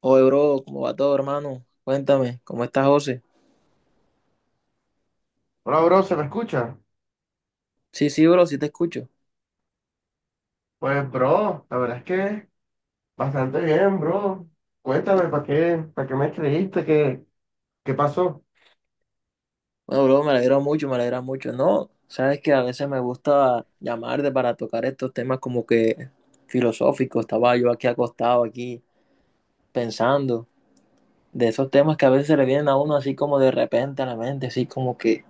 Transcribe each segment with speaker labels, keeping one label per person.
Speaker 1: Oye, bro, ¿cómo va todo, hermano? Cuéntame, ¿cómo estás, José?
Speaker 2: Hola, bro, ¿se me escucha?
Speaker 1: Sí, sí, bro, sí te escucho.
Speaker 2: Pues, bro, la verdad es que bastante bien, bro. Cuéntame, ¿para qué me escribiste? ¿ qué pasó?
Speaker 1: Bueno, bro, me alegra mucho, me alegra mucho. No, sabes que a veces me gusta llamarte para tocar estos temas como que filosóficos. Estaba yo aquí acostado, aquí pensando de esos temas que a veces le vienen a uno así como de repente a la mente, así como que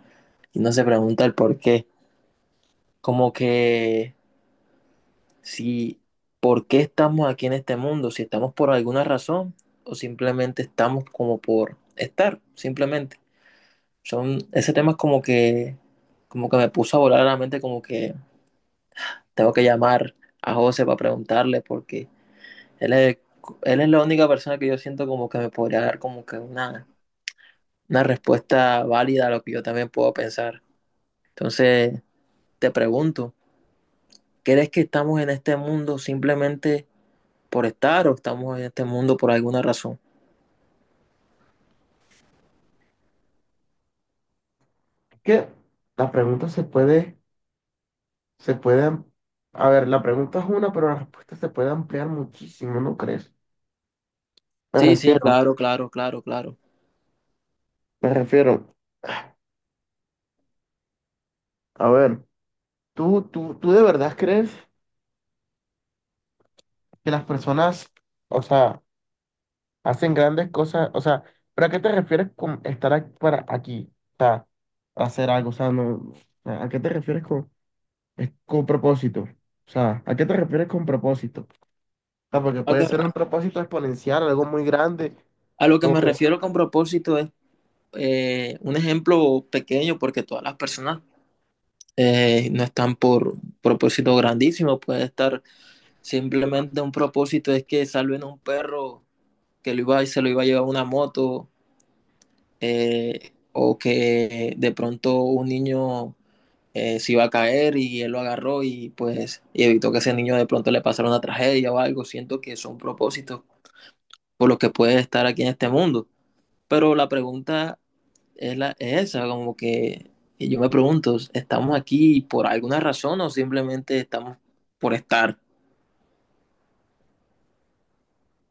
Speaker 1: y no se pregunta el por qué. Como que si por qué estamos aquí en este mundo, si estamos por alguna razón o simplemente estamos como por estar, simplemente. Son, ese tema es como que me puso a volar a la mente, como que tengo que llamar a José para preguntarle, porque él es, él es la única persona que yo siento como que me podría dar como que una respuesta válida a lo que yo también puedo pensar. Entonces, te pregunto, ¿crees que estamos en este mundo simplemente por estar o estamos en este mundo por alguna razón?
Speaker 2: Es que la pregunta se puede, am- a ver, la pregunta es una, pero la respuesta se puede ampliar muchísimo, ¿no crees? Me
Speaker 1: Sí, sí,
Speaker 2: refiero,
Speaker 1: claro, claro, claro, claro.
Speaker 2: me refiero. A ver, ¿tú de verdad crees que las personas, o sea, hacen grandes cosas, o sea, ¿pero a qué te refieres con para aquí? O sea, hacer algo, o sea, no, ¿a qué te refieres con, es- ¿con propósito? O sea, ¿a qué te refieres con propósito? O sea, porque
Speaker 1: A,
Speaker 2: puede
Speaker 1: que-
Speaker 2: ser un propósito exponencial, algo muy grande,
Speaker 1: a lo que me
Speaker 2: o...
Speaker 1: refiero con propósito es un ejemplo pequeño porque todas las personas no están por propósito grandísimo, puede estar simplemente un propósito es que salven a un perro que lo iba, se lo iba a llevar una moto, o que de pronto un niño, se iba a caer y él lo agarró y pues y evitó que ese niño de pronto le pasara una tragedia o algo. Siento que son propósitos por los que puede estar aquí en este mundo. Pero la pregunta es, la, es esa, como que y yo me pregunto, ¿estamos aquí por alguna razón o simplemente estamos por estar?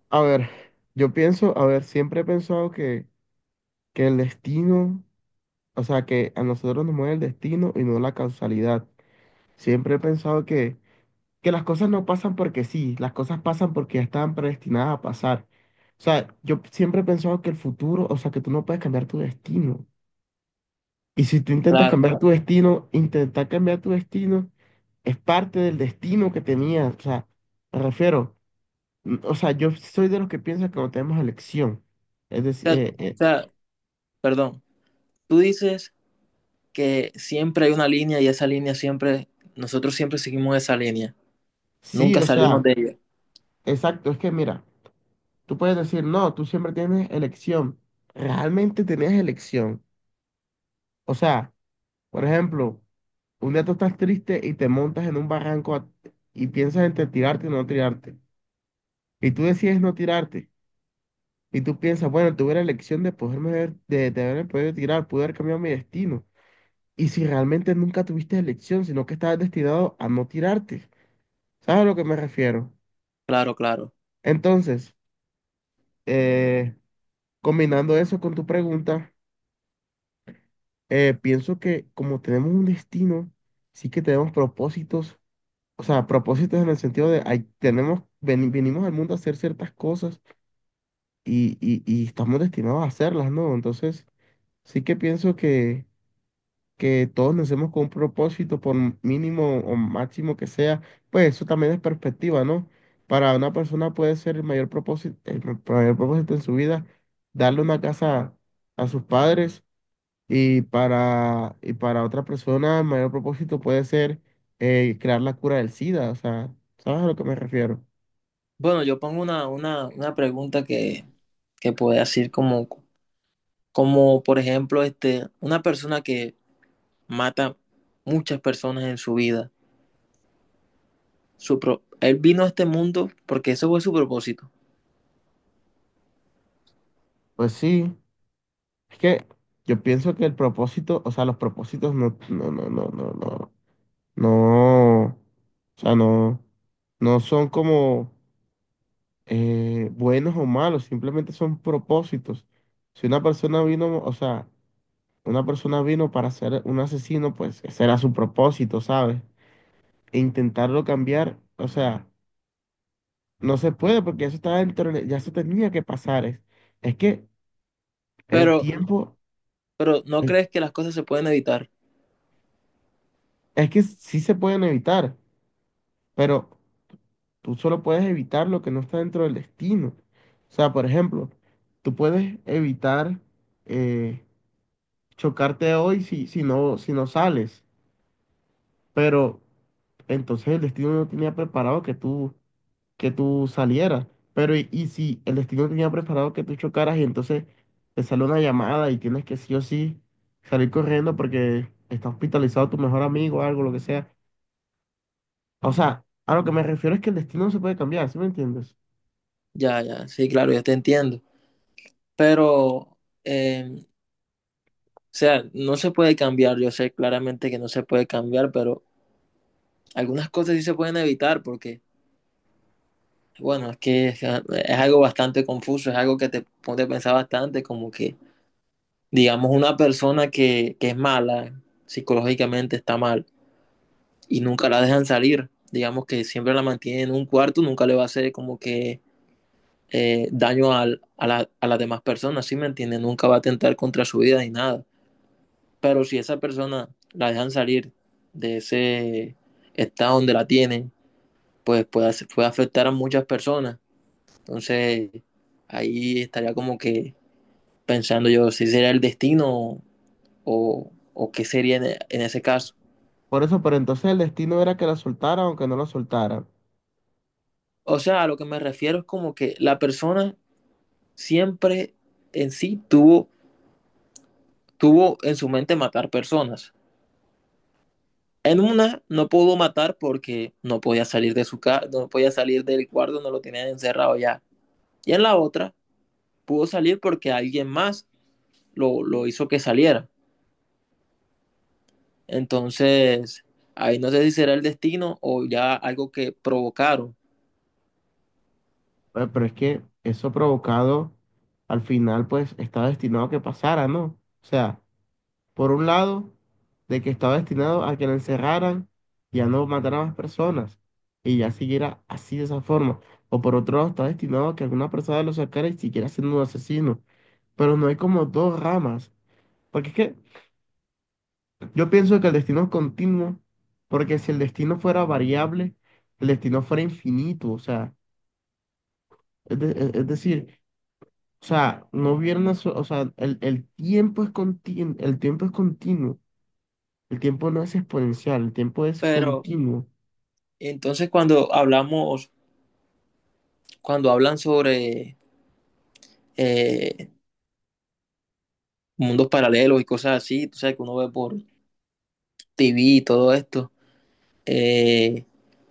Speaker 2: A ver, yo pienso, a ver, siempre he pensado que el destino, o sea, que a nosotros nos mueve el destino y no la causalidad. Siempre he pensado que las cosas no pasan porque sí, las cosas pasan porque ya estaban predestinadas a pasar. O sea, yo siempre he pensado que el futuro, o sea, que tú no puedes cambiar tu destino. Y si tú intentas
Speaker 1: Claro,
Speaker 2: cambiar
Speaker 1: claro.
Speaker 2: tu
Speaker 1: O
Speaker 2: destino, intentar cambiar tu destino es parte del destino que tenías. O sea, me refiero, o sea, yo soy de los que piensan que no tenemos elección. Es decir,
Speaker 1: sea, o sea, perdón, tú dices que siempre hay una línea y esa línea siempre, nosotros siempre seguimos esa línea.
Speaker 2: sí,
Speaker 1: Nunca
Speaker 2: o
Speaker 1: salimos
Speaker 2: sea,
Speaker 1: de ella.
Speaker 2: exacto, es que mira, tú puedes decir, no, tú siempre tienes elección. Realmente tenías elección. O sea, por ejemplo, un día tú estás triste y te montas en un barranco y piensas entre tirarte o no tirarte. Y tú decides no tirarte. Y tú piensas, bueno, tuve la elección de de haberme podido tirar, pude haber cambiado mi destino. Y si realmente nunca tuviste elección, sino que estabas destinado a no tirarte. ¿Sabes a lo que me refiero?
Speaker 1: Claro, claro.
Speaker 2: Entonces, eh, combinando eso con tu pregunta, pienso que como tenemos un destino, sí que tenemos propósitos. O sea, propósitos en el sentido de hay, tenemos, venimos al mundo a hacer ciertas cosas y estamos destinados a hacerlas, ¿no? Entonces, sí que pienso que todos nacemos con un propósito, por mínimo o máximo que sea, pues eso también es perspectiva, ¿no? Para una persona puede ser el mayor propósito, el mayor propósito en su vida, darle una casa a sus padres y para otra persona, el mayor propósito puede ser crear la cura del SIDA. O sea, ¿sabes a lo que me refiero?
Speaker 1: Bueno, yo pongo una pregunta que puede decir como, como, por ejemplo, este, una persona que mata muchas personas en su vida. Su pro- él vino a este mundo porque eso fue su propósito.
Speaker 2: Pues sí, es que yo pienso que el propósito, o sea, los propósitos no, no, no, no, no, no, no, o sea, no, no son como buenos o malos, simplemente son propósitos. Si una persona vino, o sea, una persona vino para ser un asesino, pues ese era su propósito, ¿sabes? E intentarlo cambiar, o sea. No se puede porque eso está dentro, ya se tenía que pasar. Es que el
Speaker 1: Pero,
Speaker 2: tiempo,
Speaker 1: pero ¿no
Speaker 2: el-
Speaker 1: crees que las cosas se pueden evitar?
Speaker 2: es que sí se pueden evitar, pero tú solo puedes evitar lo que no está dentro del destino. O sea, por ejemplo, tú puedes evitar eh, chocarte hoy si no sales, pero entonces el destino no tenía preparado que tú salieras. Pero y si el destino tenía preparado que tú chocaras y entonces te sale una llamada y tienes que sí o sí salir corriendo porque está hospitalizado tu mejor amigo o algo, lo que sea. O sea, a lo que me refiero es que el destino no se puede cambiar, ¿sí me entiendes?
Speaker 1: Ya, ya, sí, claro, yo te entiendo. Pero, o sea, no se puede cambiar. Yo sé claramente que no se puede cambiar, pero algunas cosas sí se pueden evitar porque bueno, es que es algo bastante confuso, es algo que te pone a pensar bastante, como que, digamos, una persona que es mala, psicológicamente está mal, y nunca la dejan salir, digamos que siempre la mantienen en un cuarto, nunca le va a hacer como que daño al- a, la- a las demás personas, ¿sí me entiendes? Nunca va a atentar contra su vida ni nada. Pero si esa persona la dejan salir de ese estado donde la tienen, pues puede, puede afectar a muchas personas. Entonces, ahí estaría como que pensando yo si sería el destino o qué sería en ese caso.
Speaker 2: Por eso, pero entonces el destino era que la soltaran o que no la soltaran.
Speaker 1: O sea, a lo que me refiero es como que la persona siempre en sí tuvo, tuvo en su mente matar personas. En una no pudo matar porque no podía salir de su casa, no podía salir del cuarto, no lo tenían encerrado ya. Y en la otra pudo salir porque alguien más lo hizo que saliera. Entonces, ahí no sé si será el destino o ya algo que provocaron.
Speaker 2: Pero es que eso provocado al final pues está destinado a que pasara, ¿no? O sea, por un lado, de que estaba destinado a que lo encerraran y a no matar a más personas y ya siguiera así de esa forma. O por otro lado, está destinado a que alguna persona lo sacara y siguiera siendo un asesino. Pero no hay como dos ramas. Porque es que yo pienso que el destino es continuo, porque si el destino fuera variable, el destino fuera infinito. O sea, es decir, o sea, no hubiera una so- o sea, el tiempo es el tiempo es continuo. El tiempo no es exponencial, el tiempo es
Speaker 1: Pero
Speaker 2: continuo.
Speaker 1: entonces cuando hablamos, cuando hablan sobre, eh, mundos paralelos y cosas así, tú sabes que uno ve por TV y todo esto, eh,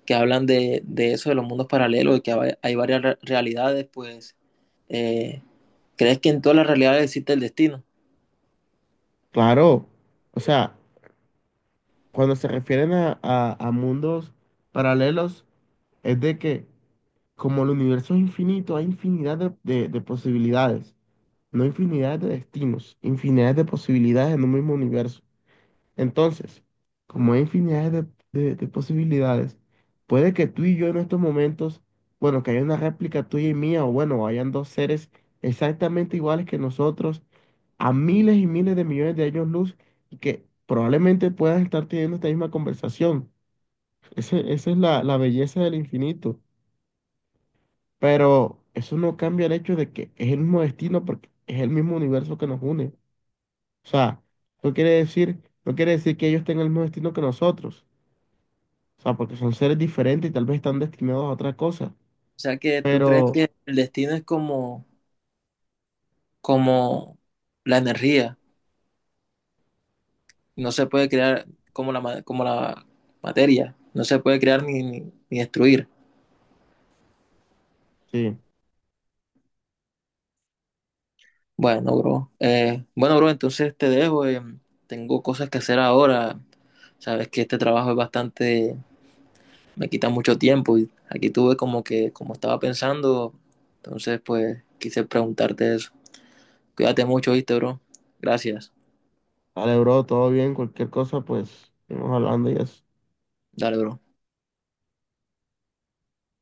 Speaker 1: que hablan de eso, de los mundos paralelos y que hay varias re- realidades, pues, eh, ¿crees que en todas las realidades existe el destino?
Speaker 2: Claro, o sea, cuando se refieren a, a mundos paralelos, es de que como el universo es infinito, hay infinidad de, de posibilidades, no infinidad de destinos, infinidad de posibilidades en un mismo universo. Entonces, como hay infinidad de, de posibilidades, puede que tú y yo en estos momentos, bueno, que haya una réplica tuya y mía, o bueno, hayan dos seres exactamente iguales que nosotros, a miles y miles de millones de años luz, y que probablemente puedan estar teniendo esta misma conversación. Esa es la, la belleza del infinito. Pero eso no cambia el hecho de que es el mismo destino porque es el mismo universo que nos une. O sea, no quiere decir que ellos tengan el mismo destino que nosotros. O sea, porque son seres diferentes y tal vez están destinados a otra cosa.
Speaker 1: O sea que tú crees
Speaker 2: Pero
Speaker 1: que el destino es como, como la energía, no se puede crear como la, ma- como la materia, no se puede crear ni, ni, ni destruir.
Speaker 2: sí,
Speaker 1: Bueno, bro. Bueno, bro, entonces te dejo. Tengo cosas que hacer ahora. Sabes que este trabajo es bastante, me quita mucho tiempo y aquí tuve como que, como estaba pensando, entonces pues quise preguntarte eso. Cuídate mucho, ¿viste, bro? Gracias.
Speaker 2: vale, bro, todo bien, cualquier cosa, pues, seguimos hablando y eso.
Speaker 1: Dale, bro.